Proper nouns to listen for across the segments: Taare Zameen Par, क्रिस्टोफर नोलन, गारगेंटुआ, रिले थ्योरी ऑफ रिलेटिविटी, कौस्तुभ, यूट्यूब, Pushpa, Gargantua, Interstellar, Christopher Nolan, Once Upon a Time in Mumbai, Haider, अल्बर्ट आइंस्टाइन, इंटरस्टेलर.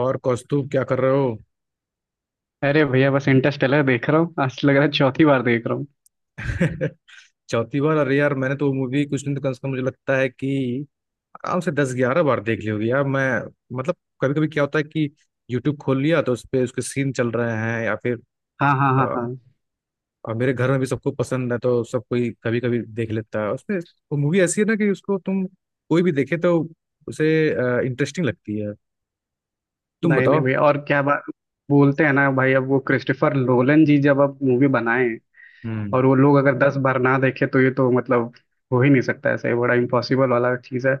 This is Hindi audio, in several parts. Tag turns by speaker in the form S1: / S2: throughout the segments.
S1: और कौस्तुभ क्या कर रहे हो?
S2: अरे भैया बस इंटरस्टेलर देख रहा हूँ। आज लग रहा है चौथी बार देख रहा हूँ।
S1: चौथी बार? अरे यार, मैंने तो वो मूवी कुछ नहीं तो कम से कम मुझे लगता है कि आराम से 10 11 बार देख ली होगी यार। मैं मतलब कभी कभी क्या होता है कि यूट्यूब खोल लिया तो उस पे उसके सीन चल रहे हैं या फिर
S2: हाँ हाँ हाँ
S1: अ,
S2: हाँ।
S1: मेरे घर में भी सबको पसंद है, तो सब कोई कभी कभी देख लेता है उसमें। वो मूवी ऐसी है ना कि उसको तुम कोई भी देखे तो उसे इंटरेस्टिंग लगती है। तुम
S2: नहीं नहीं
S1: बताओ।
S2: भैया और क्या बात। बोलते हैं ना भाई अब वो क्रिस्टोफर नोलन जी जब अब मूवी बनाए
S1: हम्म।
S2: और वो लोग अगर 10 बार ना देखे तो ये तो मतलब हो ही नहीं सकता। ऐसे बड़ा इम्पॉसिबल वाला चीज़ है।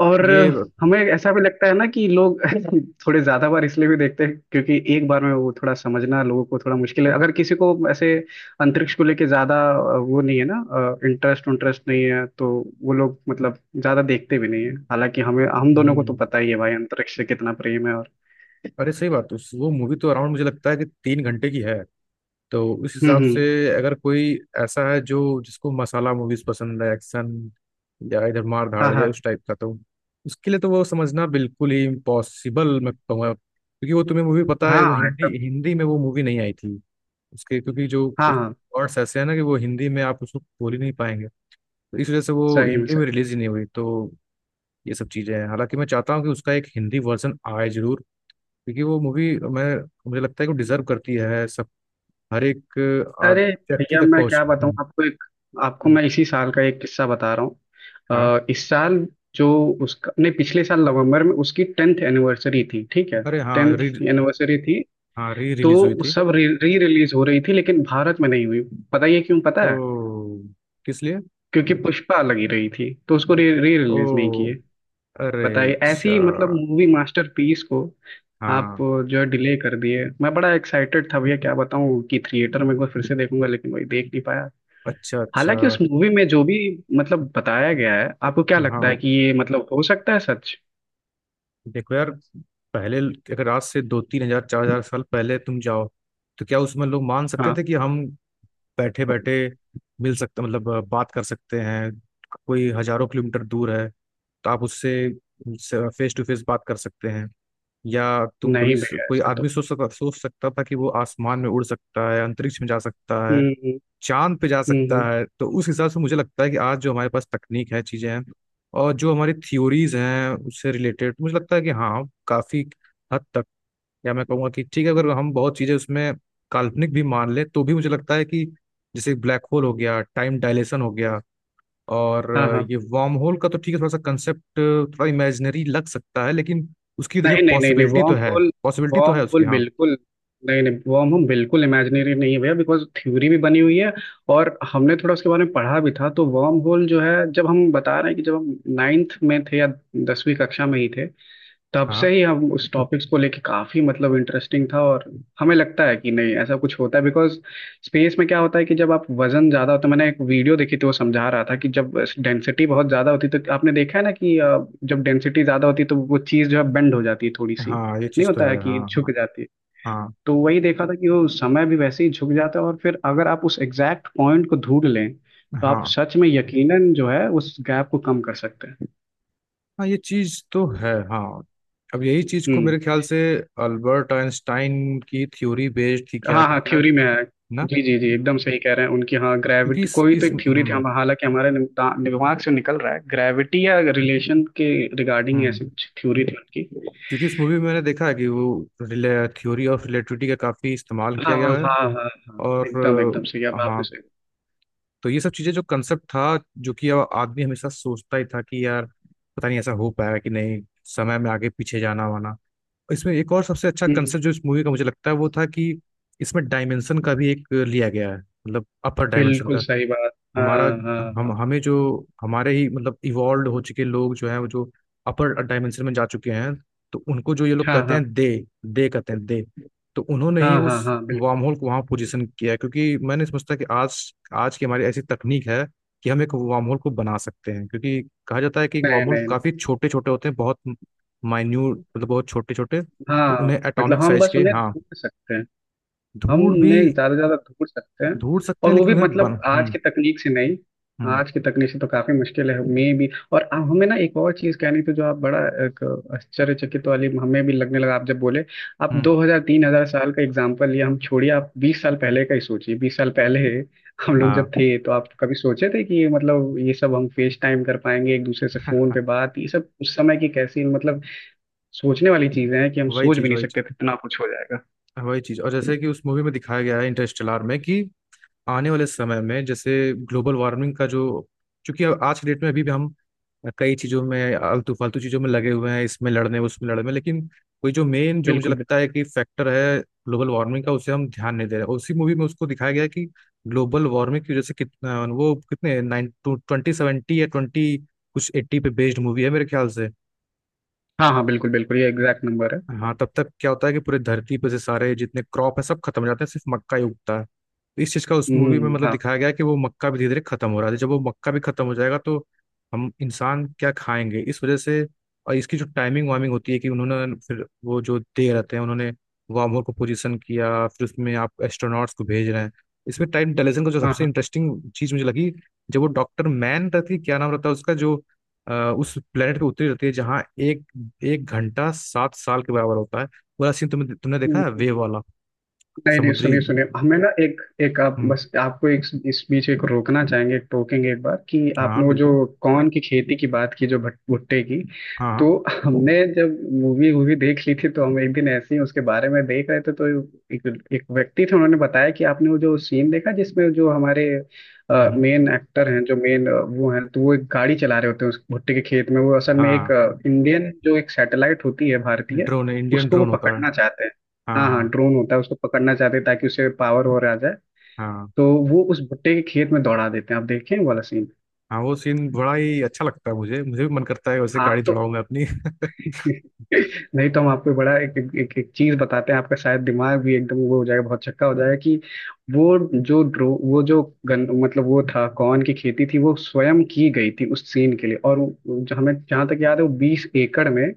S2: और
S1: ये।
S2: हमें ऐसा भी लगता है ना कि लोग थोड़े ज्यादा बार इसलिए भी देखते हैं क्योंकि एक बार में वो थोड़ा समझना लोगों को थोड़ा मुश्किल है अगर किसी को ऐसे अंतरिक्ष को लेके ज्यादा वो नहीं है ना। इंटरेस्ट इंटरेस्ट नहीं है तो वो लोग मतलब ज्यादा देखते भी नहीं है। हालांकि हमें हम दोनों को तो
S1: हम्म।
S2: पता ही है भाई अंतरिक्ष से कितना प्रेम है। और
S1: अरे सही बात, उस वो मूवी तो अराउंड मुझे लगता है कि 3 घंटे की है। तो उस हिसाब से
S2: हम्म।
S1: अगर कोई ऐसा है जो जिसको मसाला मूवीज पसंद है, एक्शन या इधर मार
S2: हाँ
S1: धाड़ या
S2: हाँ
S1: उस टाइप का, तो उसके लिए तो वो समझना बिल्कुल ही इम्पॉसिबल मैं कहूँगा। क्योंकि वो तुम्हें मूवी पता है
S2: हाँ
S1: वो
S2: हाँ
S1: हिंदी
S2: एकदम।
S1: हिंदी में वो मूवी नहीं आई थी। उसके क्योंकि जो
S2: हाँ
S1: कुछ
S2: हाँ
S1: वर्ड्स ऐसे हैं ना कि वो हिंदी में आप उसको बोल ही नहीं पाएंगे। तो इस वजह से वो
S2: सही में
S1: हिंदी में
S2: सही।
S1: रिलीज ही नहीं हुई। तो ये सब चीज़ें हैं। हालांकि मैं चाहता हूँ कि उसका एक हिंदी वर्जन आए जरूर, क्योंकि वो मूवी मैं मुझे लगता है कि डिजर्व करती है हर एक आद-
S2: अरे
S1: व्यक्ति
S2: भैया
S1: तक
S2: मैं
S1: पहुंच।
S2: क्या बताऊं
S1: हम्म।
S2: आपको एक आपको
S1: हम्म।
S2: मैं इसी साल का एक किस्सा बता रहा हूँ
S1: हाँ।
S2: इस साल जो उसका नहीं पिछले साल नवंबर में उसकी टेंथ एनिवर्सरी थी ठीक है।
S1: अरे हाँ,
S2: टेंथ
S1: री
S2: एनिवर्सरी थी।
S1: हाँ री
S2: तो
S1: रिलीज हुई
S2: वो
S1: थी।
S2: सब री रिलीज हो रही थी लेकिन भारत में नहीं हुई। पता ये क्यों पता
S1: ओ,
S2: है।
S1: किस लिए?
S2: क्योंकि पुष्पा लगी रही थी तो उसको री रिलीज नहीं
S1: ओ,
S2: किए।
S1: अरे
S2: बताइए
S1: अच्छा।
S2: ऐसी मतलब मूवी मास्टरपीस को आप
S1: हाँ।
S2: जो है डिले कर दिए। मैं बड़ा एक्साइटेड था भैया क्या बताऊं कि थिएटर में एक बार फिर से देखूंगा लेकिन वही देख नहीं।
S1: अच्छा अच्छा।
S2: हालांकि उस मूवी में जो भी मतलब बताया गया है आपको क्या लगता है
S1: हाँ,
S2: कि ये मतलब हो सकता है सच।
S1: देखो यार, पहले अगर आज से दो तीन हजार चार हजार साल पहले तुम जाओ, तो क्या उसमें लोग मान सकते
S2: हाँ
S1: थे कि हम बैठे बैठे मिल सकते मतलब बात कर सकते हैं? कोई हजारों किलोमीटर दूर है तो आप उससे फेस टू फेस बात कर सकते हैं? या तुम
S2: नहीं
S1: कभी
S2: भैया
S1: कोई
S2: ऐसा
S1: आदमी
S2: तो।
S1: सोच सकता था कि वो आसमान में उड़ सकता है, अंतरिक्ष में जा सकता है,
S2: हम्म।
S1: चांद पे जा सकता
S2: हम्म।
S1: है? तो उस हिसाब से मुझे लगता है कि आज जो हमारे पास तकनीक है, चीजें हैं, और जो हमारी थ्योरीज हैं, उससे रिलेटेड मुझे लगता है कि हाँ, काफी हद तक, या मैं कहूँगा कि ठीक है अगर हम बहुत चीजें उसमें काल्पनिक भी मान लें तो भी मुझे लगता है कि जैसे ब्लैक होल हो गया, टाइम डायलेशन हो गया, और
S2: हाँ हाँ
S1: ये वार्म होल का तो ठीक है, थोड़ा सा कंसेप्ट थोड़ा इमेजिनरी लग सकता है, लेकिन उसकी देखिए
S2: नहीं नहीं नहीं नहीं
S1: पॉसिबिलिटी तो
S2: वॉर्म
S1: है।
S2: होल।
S1: पॉसिबिलिटी तो
S2: वॉर्म
S1: है उसकी,
S2: होल
S1: हाँ।
S2: बिल्कुल। नहीं नहीं वॉर्म होल बिल्कुल इमेजिनरी नहीं है भैया बिकॉज थ्योरी भी बनी हुई है। और हमने थोड़ा उसके बारे में पढ़ा भी था तो वॉर्म होल जो है जब हम बता रहे हैं कि जब हम नाइन्थ में थे या 10वीं कक्षा में ही थे तब से
S1: हाँ।
S2: ही हम उस टॉपिक्स को लेके काफी मतलब इंटरेस्टिंग था। और हमें लगता है कि नहीं ऐसा कुछ होता है बिकॉज स्पेस में क्या होता है कि जब आप वजन ज्यादा होता है। मैंने एक वीडियो देखी थी वो समझा रहा था कि जब डेंसिटी बहुत ज्यादा होती तो आपने देखा है ना कि जब डेंसिटी ज्यादा होती तो वो चीज जो है बेंड हो जाती है थोड़ी सी।
S1: हाँ, ये
S2: नहीं
S1: चीज़ तो
S2: होता है
S1: है, हाँ
S2: कि झुक
S1: हाँ।
S2: जाती है।
S1: हाँ।
S2: तो वही देखा था कि वो समय भी वैसे ही झुक जाता है और फिर अगर आप उस एग्जैक्ट पॉइंट को ढूंढ लें तो आप
S1: हाँ।
S2: सच में यकीनन जो है उस गैप को कम कर सकते हैं।
S1: हाँ, ये चीज़ तो है, हाँ। अब यही चीज़ को
S2: हम्म।
S1: मेरे ख्याल से अल्बर्ट आइंस्टाइन की थ्योरी बेस्ड थी क्या
S2: हाँ
S1: कि
S2: हाँ
S1: क्या
S2: थ्योरी में है।
S1: ना?
S2: जी जी जी एकदम सही कह रहे हैं उनकी। हाँ
S1: क्योंकि
S2: ग्रेविटी
S1: इस
S2: कोई तो
S1: इस
S2: एक थ्योरी थी
S1: हम्म।
S2: हम हालांकि हमारे दिमाग से निकल रहा है। ग्रेविटी या रिलेशन के रिगार्डिंग
S1: हम्म।
S2: ऐसी कुछ थ्योरी थी उनकी।
S1: क्योंकि इस मूवी में मैंने देखा है कि वो रिले थ्योरी ऑफ रिलेटिविटी का काफ़ी इस्तेमाल
S2: हाँ
S1: किया
S2: हाँ
S1: गया है।
S2: हाँ हाँ हाँ एकदम
S1: और
S2: एकदम सही अब
S1: हाँ,
S2: आपने सही।
S1: तो ये सब चीजें जो कंसेप्ट था, जो कि अब आदमी हमेशा सोचता ही था कि यार पता नहीं ऐसा हो पाएगा कि नहीं, समय में आगे पीछे जाना वाना। इसमें एक और सबसे अच्छा
S2: हम्म।
S1: कंसेप्ट जो इस मूवी का मुझे लगता है वो था कि इसमें डायमेंशन का भी एक लिया गया है, मतलब अपर डायमेंशन
S2: बिल्कुल
S1: का।
S2: सही बात हाँ
S1: हमारा हम
S2: हाँ
S1: हमें जो हमारे ही मतलब इवॉल्व हो चुके लोग जो हैं, वो जो अपर डायमेंशन में जा चुके हैं, तो उनको जो ये लोग
S2: हाँ हाँ
S1: कहते
S2: हाँ
S1: हैं दे। दे कहते हैं दे। तो उन्होंने ही
S2: हाँ हाँ
S1: उस
S2: हाँ बिल्कुल।
S1: वार्म होल को वहां पोजीशन किया है, क्योंकि मैंने समझता कि आज आज की हमारी ऐसी तकनीक है कि हम एक वार्म होल को बना सकते हैं, क्योंकि कहा जाता है कि
S2: नहीं
S1: वार्म होल
S2: नहीं
S1: काफी छोटे छोटे होते हैं, बहुत माइन्यूट, मतलब बहुत छोटे छोटे। तो
S2: हाँ
S1: उन्हें
S2: मतलब
S1: एटॉमिक
S2: हम
S1: साइज
S2: बस
S1: के,
S2: उन्हें
S1: हाँ।
S2: ढूंढ सकते हैं। हम
S1: धूड़ भी
S2: नहीं ज्यादा से ज्यादा ढूंढ सकते हैं।
S1: धूड़ सकते हैं,
S2: और वो
S1: लेकिन
S2: भी
S1: उन्हें
S2: मतलब
S1: बन।
S2: आज
S1: हम्म।
S2: की तकनीक से नहीं।
S1: हम्म।
S2: आज की तकनीक से तो काफी मुश्किल है मे भी। और हमें ना एक और चीज कहनी थी जो आप बड़ा एक आश्चर्यचकित वाली हमें भी लगने लगा आप जब बोले आप
S1: हम्म।
S2: 2000 3000 साल का एग्जाम्पल लिए हम छोड़िए आप 20 साल पहले का ही सोचिए। 20 साल पहले हम लोग
S1: हाँ।
S2: जब थे तो आप कभी सोचे थे कि ये मतलब ये सब हम फेस टाइम कर पाएंगे एक दूसरे से फोन पे बात। ये सब उस समय की कैसी मतलब सोचने वाली चीजें हैं कि हम
S1: वही
S2: सोच भी
S1: चीज,
S2: नहीं
S1: वही चीज।
S2: सकते थे इतना कुछ हो जाएगा।
S1: वही चीज, और जैसे कि उस मूवी में दिखाया गया है इंटरस्टेलर में कि आने वाले समय में जैसे ग्लोबल वार्मिंग का जो, क्योंकि अब आज के डेट में अभी भी हम कई चीजों में आलतू फालतू चीजों में लगे हुए हैं, इसमें लड़ने उसमें लड़ने, लेकिन कोई जो मेन जो मुझे
S2: बिल्कुल।
S1: लगता है कि फैक्टर है ग्लोबल वार्मिंग का, उसे हम ध्यान नहीं दे रहे हैं। उसी मूवी में उसको दिखाया गया है कि ग्लोबल वार्मिंग की वजह से कितना वो कितने नाइन टू ट्वेंटी सेवेंटी या ट्वेंटी कुछ एट्टी पे बेस्ड मूवी है मेरे ख्याल से।
S2: हाँ हाँ बिल्कुल बिल्कुल ये एग्जैक्ट नंबर है।
S1: हाँ, तब तक क्या होता है कि पूरी धरती पर से सारे जितने क्रॉप है सब खत्म हो जाते हैं, सिर्फ मक्का ही उगता है। इस चीज का उस मूवी में मतलब
S2: हाँ
S1: दिखाया गया है कि वो मक्का भी धीरे धीरे खत्म हो रहा है। जब वो मक्का भी खत्म हो जाएगा तो हम इंसान क्या खाएंगे, इस वजह से। और इसकी जो टाइमिंग वाइमिंग होती है कि उन्होंने फिर वो जो दे रहते हैं, उन्होंने वार्म होल को पोजीशन किया, फिर उसमें आप एस्ट्रोनॉट्स को भेज रहे हैं। इसमें टाइम डिलेशन का जो
S2: हाँ
S1: सबसे
S2: हाँ
S1: इंटरेस्टिंग चीज मुझे लगी, जब वो डॉक्टर मैन रहती है, क्या नाम रहता है उसका जो अ, उस प्लेनेट पे उतरी रहती है जहाँ एक 1 घंटा 7 साल के बराबर होता है। पूरा सीन तुमने तुमने देखा है
S2: हम्म।
S1: वेव वाला,
S2: नहीं नहीं
S1: समुद्री।
S2: सुनिए सुनिए हमें ना एक एक आप
S1: हम्म।
S2: बस आपको एक इस बीच एक रोकना चाहेंगे एक टोकेंगे एक बार कि आपने
S1: हाँ
S2: वो जो
S1: बिल्कुल।
S2: कॉर्न की खेती की बात की जो भुट्टे की।
S1: हाँ हाँ।
S2: तो हमने जब मूवी वूवी देख ली थी तो हम एक दिन ऐसे ही उसके बारे में देख रहे थे। तो एक एक व्यक्ति थे उन्होंने बताया कि आपने वो जो सीन देखा जिसमें जो हमारे
S1: हम्म। हम्म।
S2: मेन एक्टर हैं जो मेन वो हैं तो वो एक गाड़ी चला रहे होते हैं उस भुट्टे के खेत में वो असल में एक
S1: हाँ,
S2: इंडियन जो एक सैटेलाइट होती है भारतीय
S1: ड्रोन, इंडियन
S2: उसको वो
S1: ड्रोन होता है।
S2: पकड़ना चाहते हैं।
S1: हाँ,
S2: हाँ हाँ
S1: हाँ।
S2: ड्रोन होता है उसको पकड़ना चाहते हैं ताकि उसे पावर हो रहा जाए।
S1: हाँ,
S2: तो वो उस भुट्टे के खेत में दौड़ा देते हैं। आप देखें वो वाला सीन।
S1: हाँ, वो सीन बड़ा ही अच्छा लगता है। मुझे मुझे भी मन करता है वैसे
S2: हाँ
S1: गाड़ी
S2: तो
S1: चढ़ाऊं मैं अपनी।
S2: नहीं तो हम आपको बड़ा एक एक चीज बताते हैं। आपका शायद दिमाग भी एकदम वो हो जाएगा। बहुत चक्का हो जाएगा कि वो जो ड्रो वो जो गन मतलब वो था कॉर्न की खेती थी वो स्वयं की गई थी उस सीन के लिए। और जो हमें जहाँ तक याद है वो 20 एकड़ में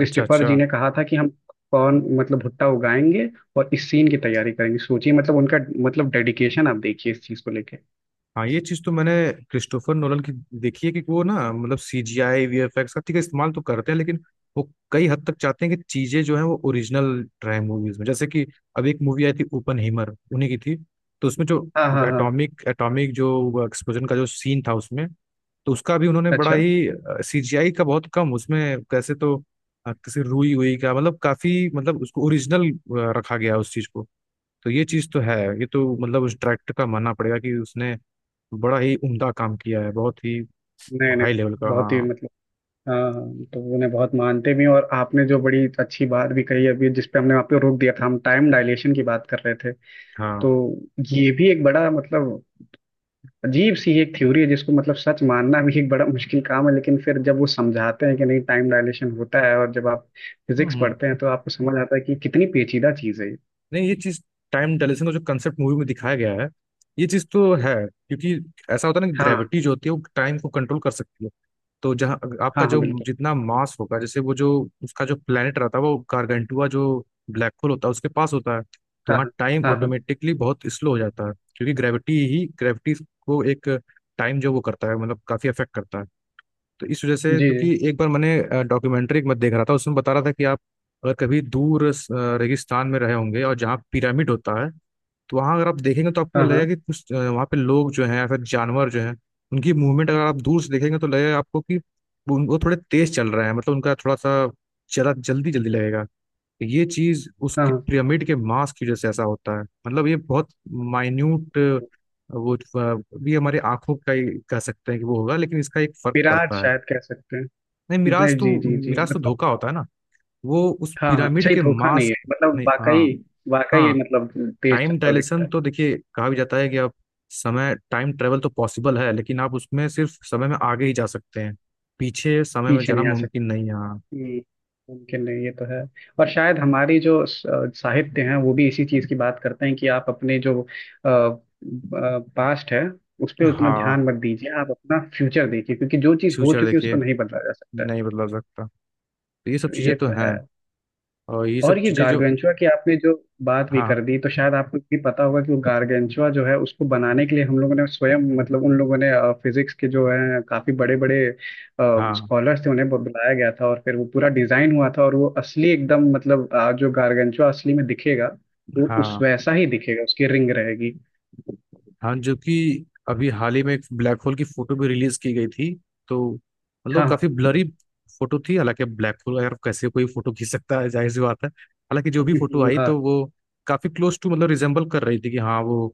S1: अच्छा अच्छा।
S2: जी ने कहा था कि हम कॉर्न मतलब भुट्टा उगाएंगे और इस सीन की तैयारी करेंगे। सोचिए मतलब उनका मतलब डेडिकेशन आप देखिए इस चीज को लेके।
S1: हाँ, ये चीज़ तो मैंने क्रिस्टोफर नोलन की देखी है कि वो ना मतलब C G I V F X का ठीक है इस्तेमाल तो करते हैं, लेकिन वो कई हद तक चाहते हैं कि चीज़ें जो हैं वो ओरिजिनल रहे मूवीज में। जैसे कि अब एक मूवी आई थी ओपन हीमर, उन्हीं की थी, तो उसमें जो
S2: हाँ हाँ हाँ
S1: एटॉमिक एटॉमिक जो एक्सप्लोजन का जो सीन था उसमें, तो उसका भी उन्होंने बड़ा
S2: अच्छा।
S1: ही सीजीआई का बहुत कम उसमें कैसे तो किसी रुई हुई का मतलब काफी मतलब उसको ओरिजिनल रखा गया उस चीज को। तो ये चीज तो है, ये तो मतलब उस डायरेक्टर का मानना पड़ेगा कि उसने बड़ा ही उम्दा काम किया है, बहुत ही
S2: नहीं नहीं
S1: हाई लेवल का,
S2: बहुत ही
S1: हाँ।
S2: मतलब हाँ। तो उन्हें बहुत मानते भी हैं और आपने जो बड़ी अच्छी बात भी कही अभी जिस पे हमने आपको रोक दिया था हम टाइम डायलेशन की बात कर रहे थे।
S1: हाँ।
S2: तो ये भी एक बड़ा मतलब अजीब सी एक थ्योरी है जिसको मतलब सच मानना भी एक बड़ा मुश्किल काम है लेकिन फिर जब वो समझाते हैं कि नहीं टाइम डायलेशन होता है। और जब आप
S1: हम्म।
S2: फिजिक्स पढ़ते हैं
S1: हम्म।
S2: तो आपको समझ आता है कि कितनी पेचीदा चीज़ है ये।
S1: नहीं, ये चीज, टाइम डायलेशन का जो कंसेप्ट मूवी में दिखाया गया है, ये चीज तो है क्योंकि ऐसा होता है ना कि
S2: हाँ
S1: ग्रेविटी जो होती है वो टाइम को कंट्रोल कर सकती है। तो जहाँ आपका
S2: हाँ हाँ
S1: जो
S2: बिल्कुल।
S1: जितना मास होगा, जैसे वो जो उसका जो प्लेनेट रहता है वो गारगेंटुआ जो ब्लैक होल होता है उसके पास होता है, तो
S2: हाँ
S1: वहाँ
S2: हाँ
S1: टाइम
S2: हाँ हाँ
S1: ऑटोमेटिकली बहुत स्लो हो जाता है क्योंकि ग्रेविटी ही ग्रेविटी को एक टाइम जो वो करता है मतलब काफी अफेक्ट करता है। तो इस वजह से,
S2: जी जी।
S1: क्योंकि एक बार मैंने डॉक्यूमेंट्री एक मत देख रहा था उसमें बता रहा था कि आप अगर कभी दूर रेगिस्तान में रहे होंगे और जहाँ पिरामिड होता है, तो वहाँ अगर आप देखेंगे तो आपको
S2: हाँ हाँ
S1: लगेगा कि कुछ वहाँ पे लोग जो हैं या फिर जानवर जो हैं, उनकी मूवमेंट अगर आप दूर से देखेंगे तो लगेगा आपको कि वो थोड़े तेज चल रहे हैं, मतलब उनका थोड़ा सा जरा जल्दी जल्दी लगेगा। तो ये चीज
S2: हाँ
S1: उसके
S2: हाँ।
S1: पिरामिड के मास की वजह से ऐसा होता है, मतलब ये बहुत माइन्यूट वो भी हमारी आंखों का ही कह सकते हैं कि वो होगा, लेकिन इसका एक फर्क
S2: विराट
S1: पड़ता है।
S2: शायद कह सकते हैं।
S1: नहीं, मिराज
S2: जी
S1: तो,
S2: जी जी जी
S1: मिराज तो
S2: मतलब
S1: धोखा होता है ना। वो उस
S2: हाँ हाँ।
S1: पिरामिड
S2: अच्छा ये
S1: के
S2: धोखा नहीं
S1: मास्क।
S2: है मतलब
S1: नहीं, हाँ।
S2: वाकई वाकई
S1: हाँ,
S2: मतलब तेज
S1: टाइम
S2: चलता हुआ दिखता
S1: डायलेशन
S2: है।
S1: तो देखिए, कहा भी जाता है कि आप समय टाइम ट्रेवल तो पॉसिबल है, लेकिन आप उसमें सिर्फ समय में आगे ही जा सकते हैं। पीछे समय में
S2: पीछे
S1: जाना
S2: नहीं आ
S1: मुमकिन
S2: सकता।
S1: नहीं है, हाँ।
S2: हम्म, मुमकिन नहीं ये तो है। और शायद हमारी जो साहित्य है वो भी इसी चीज की बात करते हैं कि आप अपने जो पास्ट है उस पर उतना
S1: हाँ,
S2: ध्यान मत दीजिए। आप अपना फ्यूचर देखिए क्योंकि जो चीज हो
S1: फ्यूचर
S2: चुकी है उसको
S1: देखिए,
S2: नहीं बदला जा सकता है।
S1: नहीं बदला जा सकता। तो ये सब
S2: तो
S1: चीज़ें
S2: ये
S1: तो
S2: तो है।
S1: हैं। और ये
S2: और
S1: सब
S2: ये
S1: चीज़ें जो,
S2: गार्गेंचुआ की आपने जो बात भी
S1: हाँ,
S2: कर दी तो शायद आपको भी पता होगा कि वो गार्गेंचुआ जो है उसको बनाने के लिए हम लोगों ने स्वयं मतलब उन लोगों ने फिजिक्स के जो है काफी बड़े बड़े
S1: हाँ,
S2: स्कॉलर्स थे उन्हें बुलाया गया था। और फिर वो पूरा डिजाइन हुआ था और वो असली एकदम मतलब जो गार्गेंचुआ असली में दिखेगा वो उस
S1: हाँ,
S2: वैसा ही दिखेगा। उसकी रिंग रहेगी।
S1: हाँ, जो कि अभी हाल ही में एक ब्लैक होल की फोटो भी रिलीज की गई थी, तो
S2: हाँ
S1: मतलब
S2: हाँ
S1: काफी ब्लरी फोटो थी। हालांकि अब ब्लैक होल यार कैसे कोई फोटो खींच सकता है, जाहिर सी बात है। हालांकि जो भी फोटो आई
S2: हाँ
S1: तो वो काफी क्लोज टू मतलब रिजेम्बल कर रही थी कि हाँ, वो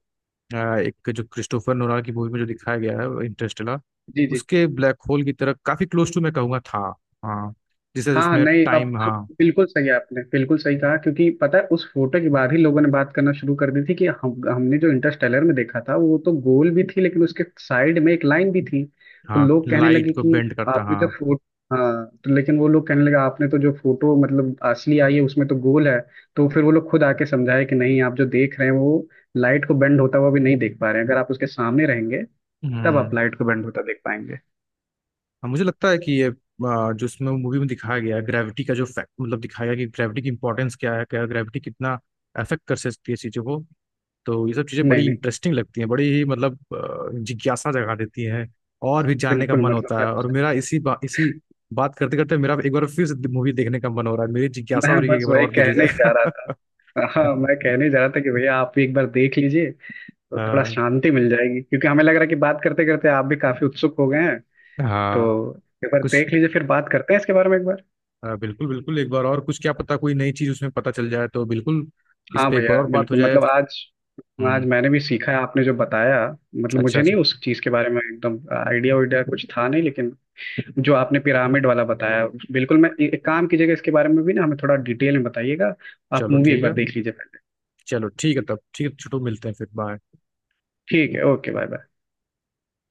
S1: एक जो क्रिस्टोफर नोलान की मूवी में जो दिखाया गया है इंटरस्टेलर,
S2: जी जी।
S1: उसके ब्लैक होल की तरह काफी क्लोज टू मैं कहूंगा था। हाँ, जिसे
S2: हाँ हाँ
S1: उसमें
S2: नहीं अब
S1: टाइम,
S2: अब
S1: हाँ।
S2: बिल्कुल सही है आपने बिल्कुल सही कहा। क्योंकि पता है उस फोटो के बाद ही लोगों ने बात करना शुरू कर दी थी कि हम हमने जो इंटरस्टेलर में देखा था वो तो गोल भी थी लेकिन उसके साइड में एक लाइन भी थी। तो
S1: हाँ,
S2: लोग कहने
S1: लाइट
S2: लगे
S1: को
S2: कि
S1: बेंड करता,
S2: आपने जो
S1: हाँ।
S2: फोटो। हाँ तो लेकिन वो लोग कहने लगे आपने तो जो फोटो मतलब असली आई है उसमें तो गोल है। तो फिर वो लोग खुद आके समझाए कि नहीं आप जो देख रहे हैं वो लाइट को बेंड होता हुआ भी नहीं देख पा रहे हैं। अगर आप उसके सामने रहेंगे तब आप
S1: हम्म।
S2: लाइट को बेंड होता देख पाएंगे।
S1: हाँ, मुझे लगता है कि ये जो इसमें मूवी में दिखाया गया है, ग्रेविटी का जो फैक्ट मतलब दिखाया गया कि ग्रेविटी की इंपॉर्टेंस क्या है, क्या ग्रेविटी कितना अफेक्ट कर सकती है चीज़ों को। तो ये सब चीज़ें
S2: नहीं
S1: बड़ी
S2: नहीं
S1: इंटरेस्टिंग लगती हैं, बड़ी ही मतलब जिज्ञासा जगा देती हैं। और भी जानने का
S2: बिल्कुल
S1: मन
S2: मतलब
S1: होता
S2: मैं
S1: है।
S2: तो
S1: और मेरा इसी बात करते करते मेरा एक बार फिर से मूवी देखने का मन हो रहा है। मेरी जिज्ञासा हो
S2: मैं
S1: रही है कि
S2: बस
S1: एक बार
S2: वही
S1: और देख
S2: कहने
S1: लिया
S2: ही जा रहा
S1: जाएगा।
S2: था। हाँ मैं कहने ही जा रहा था कि भैया आप भी एक बार देख लीजिए तो थोड़ा
S1: आ,
S2: शांति मिल जाएगी। क्योंकि हमें लग रहा है कि बात करते करते आप भी काफी उत्सुक हो गए हैं। तो
S1: हाँ।
S2: एक बार
S1: कुछ
S2: देख लीजिए फिर बात करते हैं इसके बारे में एक बार।
S1: बिल्कुल बिल्कुल, एक बार और कुछ, क्या पता कोई नई चीज़ उसमें पता चल जाए, तो बिल्कुल इस
S2: हाँ
S1: पे एक बार
S2: भैया
S1: और बात हो
S2: बिल्कुल
S1: जाए।
S2: मतलब आज आज
S1: हम्म।
S2: मैंने भी सीखा है आपने जो बताया। मतलब
S1: अच्छा
S2: मुझे नहीं
S1: अच्छा।
S2: उस चीज के बारे में एकदम आइडिया उइडिया कुछ था नहीं लेकिन जो आपने पिरामिड वाला बताया बिल्कुल। मैं एक काम कीजिएगा इसके बारे में भी ना हमें थोड़ा डिटेल में बताइएगा। आप
S1: चलो
S2: मूवी एक
S1: ठीक है।
S2: बार देख लीजिए पहले।
S1: चलो ठीक है, तब ठीक है छोटू, मिलते हैं फिर, बाय।
S2: ठीक है ओके बाय बाय।